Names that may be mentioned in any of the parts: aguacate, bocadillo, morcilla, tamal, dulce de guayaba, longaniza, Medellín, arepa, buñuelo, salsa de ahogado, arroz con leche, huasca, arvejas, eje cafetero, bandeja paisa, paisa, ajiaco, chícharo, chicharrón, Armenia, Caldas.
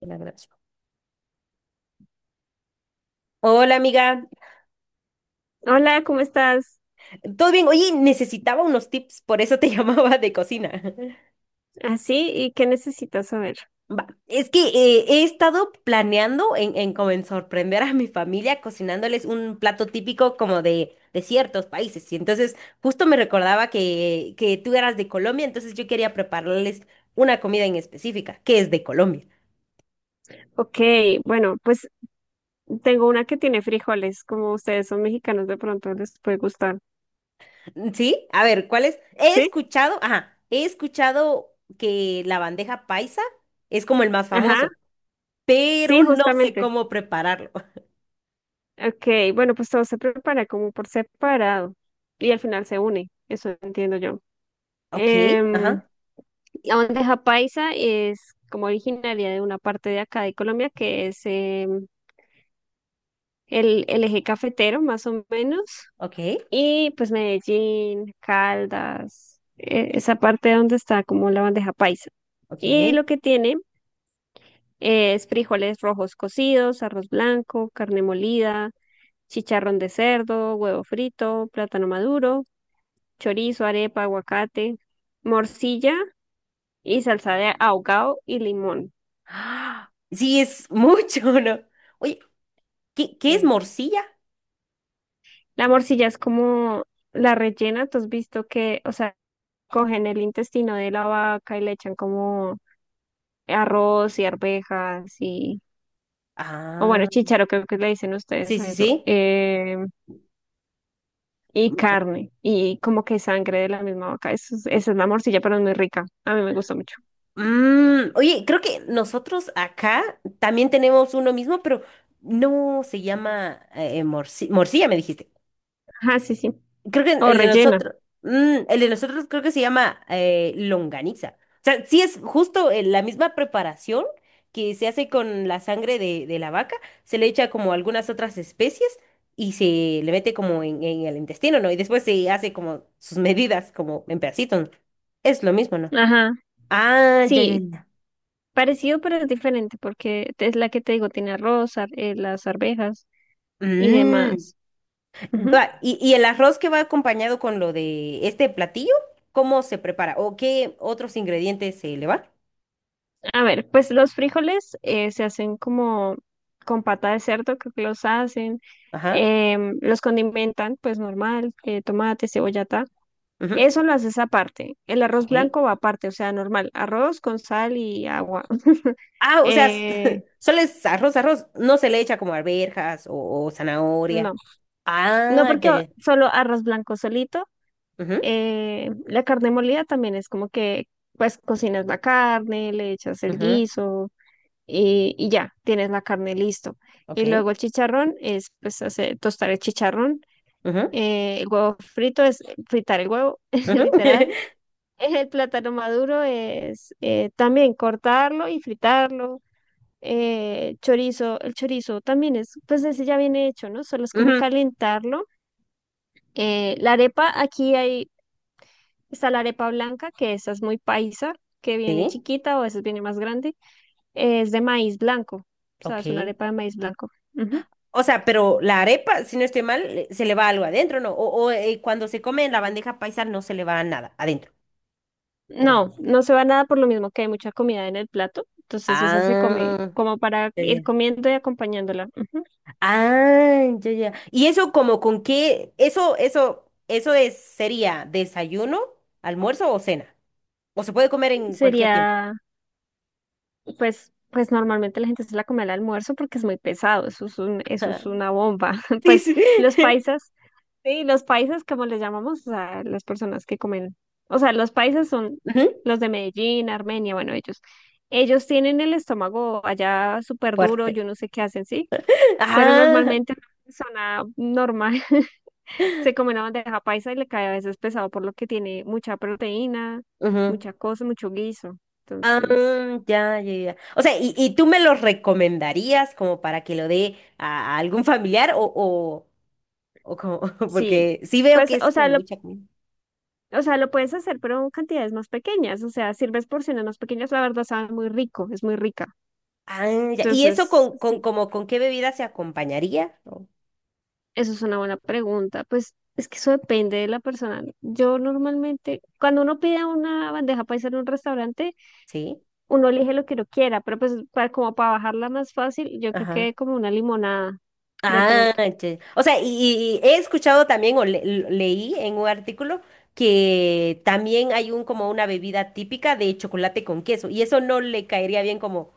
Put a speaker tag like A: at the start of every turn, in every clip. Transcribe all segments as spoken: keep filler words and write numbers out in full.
A: La grabación. Hola amiga,
B: Hola, ¿cómo estás?
A: ¿todo bien? Oye, necesitaba unos tips, por eso te llamaba de cocina.
B: ¿Así? ¿Y qué necesitas saber?
A: Va, es que eh, he estado planeando en, en como en sorprender a mi familia cocinándoles un plato típico como de, de ciertos países. Y entonces justo me recordaba que, que tú eras de Colombia, entonces yo quería prepararles una comida en específica, que es de Colombia.
B: Ok, bueno, pues tengo una que tiene frijoles, como ustedes son mexicanos, de pronto les puede gustar.
A: ¿Sí? A ver, ¿cuál es? He
B: ¿Sí?
A: escuchado, ajá, he escuchado que la bandeja paisa es como el más
B: Ajá,
A: famoso. Pero
B: sí,
A: no sé
B: justamente.
A: cómo prepararlo.
B: Ok, bueno, pues todo se prepara como por separado y al final se une, eso entiendo yo.
A: Ok,
B: Em,
A: ajá,
B: la bandeja paisa es como originaria de una parte de acá de Colombia, que es em, el el eje cafetero, más o menos.
A: ok,
B: Y pues Medellín, Caldas, eh, esa parte donde está como la bandeja paisa. Y
A: ok.
B: lo que tiene eh, es frijoles rojos cocidos, arroz blanco, carne molida, chicharrón de cerdo, huevo frito, plátano maduro, chorizo, arepa, aguacate, morcilla y salsa de ahogado y limón.
A: Ah, sí, es mucho, ¿no? Oye, ¿qué, qué es
B: Sí.
A: morcilla?
B: La morcilla es como la rellena, tú has visto que, o sea, cogen el intestino de la vaca y le echan como arroz y arvejas y, o bueno,
A: Ah,
B: chícharo creo que le dicen
A: sí,
B: ustedes a
A: sí,
B: eso,
A: sí.
B: eh, y
A: Mm, ok.
B: carne y como que sangre de la misma vaca. Eso es- esa es la morcilla, pero es muy rica. A mí me gusta mucho.
A: Mm, oye, creo que nosotros acá también tenemos uno mismo, pero no se llama eh, morci- morcilla, me dijiste.
B: Ajá, sí, sí.
A: Creo que
B: O
A: el de
B: rellena.
A: nosotros, mm, el de nosotros creo que se llama eh, longaniza. O sea, sí es justo eh, la misma preparación que se hace con la sangre de, de la vaca, se le echa como algunas otras especies y se le mete como en, en el intestino, ¿no? Y después se hace como sus medidas, como en pedacitos. ¿No? Es lo mismo, ¿no?
B: Ajá.
A: Ah, ya, ya,
B: Sí,
A: ya.
B: parecido, pero es diferente porque es la que te digo, tiene arroz, ar- eh, las arvejas y
A: Mm.
B: demás.
A: Va, y, y el arroz que va acompañado con lo de este platillo, ¿cómo se prepara? ¿O qué otros ingredientes se le va?
B: A ver, pues los frijoles eh, se hacen como con pata de cerdo, creo que los hacen,
A: Ajá.
B: em, los condimentan, pues normal, eh, tomate, cebolla, ta. Eso lo haces aparte. El arroz
A: Ok.
B: blanco va aparte, o sea, normal, arroz con sal y agua.
A: Ah, o sea,
B: Eh,
A: solo es arroz, arroz. No se le echa como arvejas o, o
B: no,
A: zanahoria.
B: no
A: Ah,
B: porque
A: ya, ya.
B: solo arroz blanco solito.
A: Ujú,
B: eh, la carne molida también es como que, pues cocinas la carne, le echas el
A: ujú,
B: guiso, y, y ya, tienes la carne listo. Y
A: Ok.
B: luego el chicharrón es pues hacer, tostar el chicharrón,
A: Ujú,
B: eh, el huevo frito es eh, fritar el huevo,
A: ujú,
B: literal. El plátano maduro es eh, también cortarlo y fritarlo. Eh, chorizo, el chorizo también es, pues ese ya viene hecho, ¿no? Solo es como
A: ujú,
B: calentarlo. Eh, la arepa, aquí hay, está la arepa blanca, que esa es muy paisa, que viene
A: Sí,
B: chiquita o a veces viene más grande. Es de maíz blanco, o sea, es una
A: ok.
B: arepa de maíz blanco. Ujú.
A: O sea, pero la arepa, si no estoy mal, le- se le va algo adentro, ¿no? O, o, eh, cuando se come en la bandeja paisa no se le va nada adentro. ¿O cómo?
B: No, no se va nada por lo mismo que hay mucha comida en el plato. Entonces esa se come
A: Ah,
B: como para
A: ya,
B: ir
A: ya.
B: comiendo y acompañándola. Ujú.
A: Ah, ya, ya. ¿Y eso como con qué? Eso, eso, eso es, sería desayuno, almuerzo o cena. O se puede comer en cualquier tiempo.
B: Sería, pues, pues normalmente la gente se la come al almuerzo porque es muy pesado. Eso es un, eso es una bomba.
A: Sí,
B: Pues
A: sí.
B: los paisas, sí, los paisas como les llamamos, o sea, las personas que comen, o sea, los paisas son
A: Ujú,
B: los de Medellín, Armenia, bueno, ellos, ellos tienen el estómago allá súper duro,
A: Fuerte.
B: yo no sé qué hacen, sí, pero
A: Ah,
B: normalmente una persona normal. Se come una bandeja paisa y le cae a veces pesado por lo que tiene mucha proteína,
A: ujú.
B: mucha cosa, mucho guiso. Entonces,
A: Mm, ya, ya, ya. O sea, ¿y, y tú me lo recomendarías como para que lo dé a, a algún familiar o, o, o como,
B: sí.
A: porque sí veo
B: Pues,
A: que es
B: o sea,
A: como
B: lo,
A: mucha comida.
B: o sea, lo puedes hacer, pero en cantidades más pequeñas. O sea, sirves porciones más pequeñas, la verdad sabe muy rico, es muy rica.
A: Ah, ya. ¿Y eso
B: Entonces,
A: con, con,
B: sí,
A: como, con qué bebida se acompañaría? ¿O-
B: eso es una buena pregunta. Pues es que eso depende de la persona. Yo normalmente, cuando uno pide una bandeja paisa en un restaurante,
A: Sí.
B: uno elige lo que uno quiera, pero pues para, como para bajarla más fácil, yo creo que como una limonada. De
A: Ah,
B: pronto.
A: ya. O sea, y, y- he escuchado también o le- l- leí en un artículo que también hay un como una bebida típica de chocolate con queso y eso no le caería bien como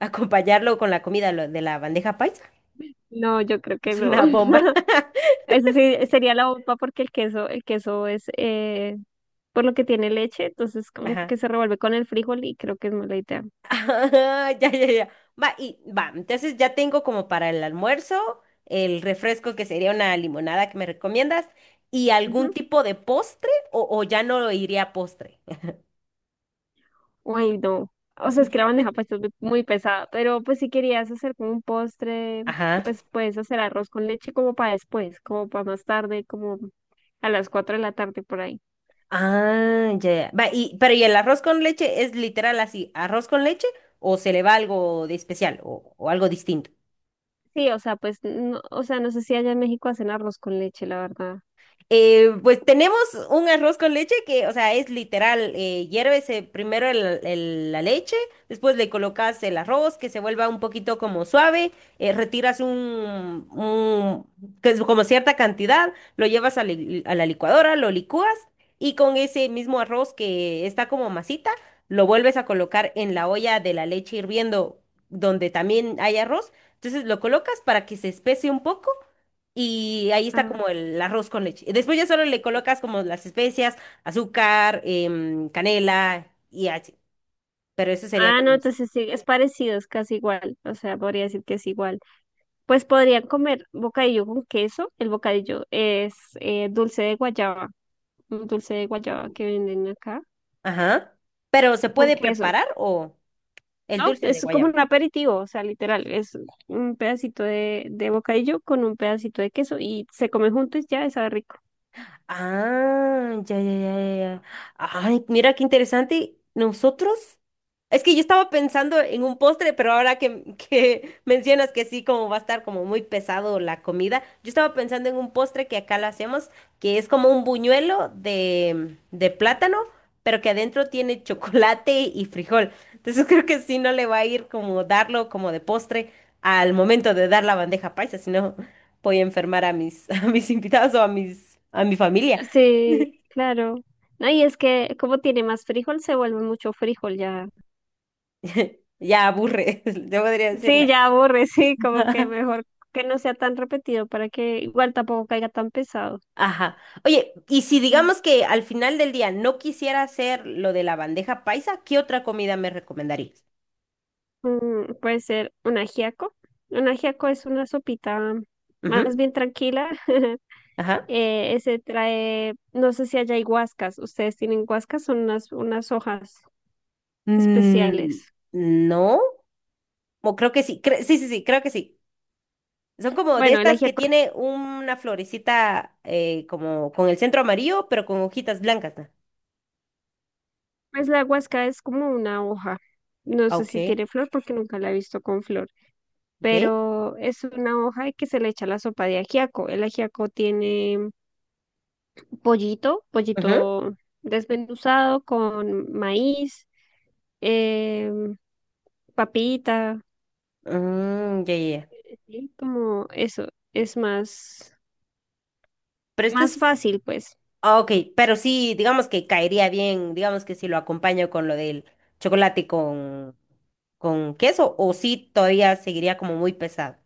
A: acompañarlo con la comida lo de la bandeja paisa.
B: No, yo creo que
A: Es
B: no.
A: una bomba.
B: Eso sí sería la bomba porque el queso, el queso es eh, por lo que tiene leche, entonces como
A: Ajá.
B: que se revuelve con el frijol y creo que es mala idea.
A: Ah, ya, ya, ya. Va, y va, entonces ya tengo como para el almuerzo, el refresco que sería una limonada que me recomiendas y algún
B: Ujú.
A: tipo de postre o, o ya no iría a postre.
B: Ay, no. O sea, es que la bandeja paisa es muy muy pesada, pero pues si querías hacer como un postre,
A: Ajá.
B: pues puedes hacer arroz con leche como para después, como para más tarde, como a las cuatro de la tarde por ahí.
A: Ah, ya, ya. Va, y, pero ¿y el arroz con leche es literal así, arroz con leche o se le va algo de especial o, o algo?
B: Sí, o sea, pues, no, o sea, no sé si allá en México hacen arroz con leche, la verdad.
A: Eh, pues tenemos un arroz con leche que, o sea, es literal, eh, hierves eh, primero el- el- la leche, después le colocas el arroz que se vuelva un poquito como suave, eh, retiras un, un- que es como cierta cantidad, lo llevas a, li- a la licuadora, lo licúas y con ese mismo arroz que está como masita, lo vuelves a colocar en la olla de la leche hirviendo donde también hay arroz, entonces lo colocas para que se espese un poco. Y ahí está como
B: Ah,
A: el arroz con leche. Y después ya solo le colocas como las especias, azúcar, em, canela y así. Pero eso sería
B: ah,
A: como...
B: no,
A: las-
B: entonces sí, es parecido, es casi igual, o sea, podría decir que es igual. Pues podrían comer bocadillo con queso, el bocadillo es eh, dulce de guayaba, un dulce de guayaba que venden acá,
A: Ajá. Pero ¿se
B: con
A: puede
B: queso,
A: preparar o el
B: ¿no?
A: dulce de
B: Es como
A: guayaba?
B: un aperitivo, o sea, literal, es un pedacito de, de bocadillo con un pedacito de queso y se come juntos y ya, y sabe rico.
A: Ah, ya, ya, ya, ya. Ya. Ay, mira qué interesante. Nosotros... Es que yo estaba pensando en un postre, pero ahora que, que mencionas que sí, como va a estar como muy pesado la comida, yo estaba pensando en un postre que acá lo hacemos, que es como un buñuelo de, de plátano, pero que adentro tiene chocolate y frijol. Entonces creo que sí no le va a ir como darlo como de postre al momento de dar la bandeja paisa, si no voy a enfermar a mis, a mis invitados o a mis, a mi familia.
B: Sí, claro. No, y es que como tiene más frijol, se vuelve mucho frijol ya.
A: Ya aburre, yo podría decir no.
B: Sí, ya aburre, sí, como que mejor que no sea tan repetido para que igual tampoco caiga tan pesado.
A: Ajá. Oye, y si
B: Mm.
A: digamos que al final del día no quisiera hacer lo de la bandeja paisa, ¿qué otra comida me recomendarías?
B: Mm, puede ser un ajiaco. Un ajiaco es una sopita
A: Ujú,
B: más bien tranquila.
A: Ajá.
B: Eh, ese trae, no sé si haya huascas. Ustedes tienen huascas, son unas, unas hojas
A: Mm,
B: especiales.
A: no, o creo que sí. Cre- sí, sí, sí, creo que sí. Son como de
B: Bueno, el
A: estas que
B: ajiaco,
A: tiene una florecita eh, como con el centro amarillo, pero con hojitas blancas. ¿No?
B: pues la huasca es como una hoja. No
A: Ah,
B: sé
A: Ok,
B: si tiene flor porque nunca la he visto con flor.
A: ok.
B: Pero es una hoja que se le echa a la sopa de ajiaco. El ajiaco tiene pollito, pollito
A: Ujú.
B: desmenuzado con maíz, eh, papita,
A: Mm, ya, ya, ya.
B: sí, como eso, es más,
A: Pero esto
B: más
A: es...
B: fácil, pues.
A: Ah, Ok, pero sí, digamos que caería bien, digamos que si lo acompaño con lo del chocolate con, con queso, o sí todavía seguiría como muy pesado,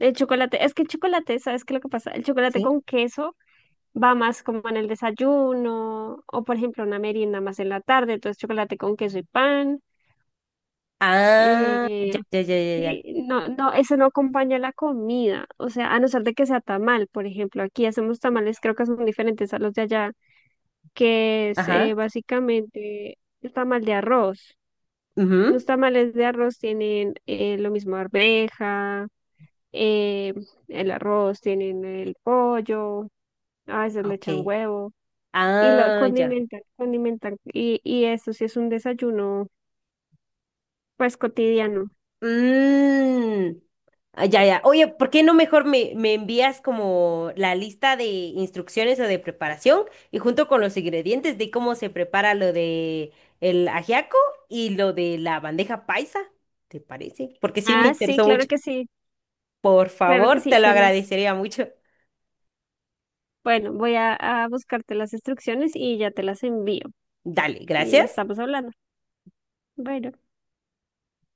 B: El chocolate, es que el chocolate, ¿sabes qué es lo que pasa? El chocolate
A: ¿sí?
B: con queso va más como en el desayuno o, por ejemplo, una merienda más en la tarde, entonces chocolate con queso y pan.
A: Ah,
B: eh,
A: ya, ya, ya, ya, ya.
B: Sí, no, no, eso no acompaña la comida, o sea, a no ser de que sea tamal, por ejemplo, aquí hacemos tamales, creo que son diferentes a los de allá, que es eh,
A: Ajá.
B: básicamente el tamal de arroz. Los
A: Ujú,
B: tamales de arroz tienen eh, lo mismo arveja, eh, el arroz, tienen el pollo, a veces le echan
A: Ok.
B: huevo y lo
A: Ah, ya.
B: condimentan, condimentan, y, y eso sí es un desayuno, pues cotidiano.
A: Mm, ah, ya, ya. Oye, ¿por qué no mejor me, me envías como la lista de instrucciones o de preparación y junto con los ingredientes de cómo se prepara lo de el ajiaco y lo de la bandeja paisa? ¿Te parece? Porque sí me
B: Ah, sí,
A: interesó
B: claro
A: mucho.
B: que sí,
A: Por
B: claro que
A: favor,
B: sí,
A: te lo
B: te los...
A: agradecería mucho.
B: Bueno, voy a, a buscarte las instrucciones y ya te las envío.
A: Dale,
B: Y
A: gracias.
B: estamos hablando. Bueno.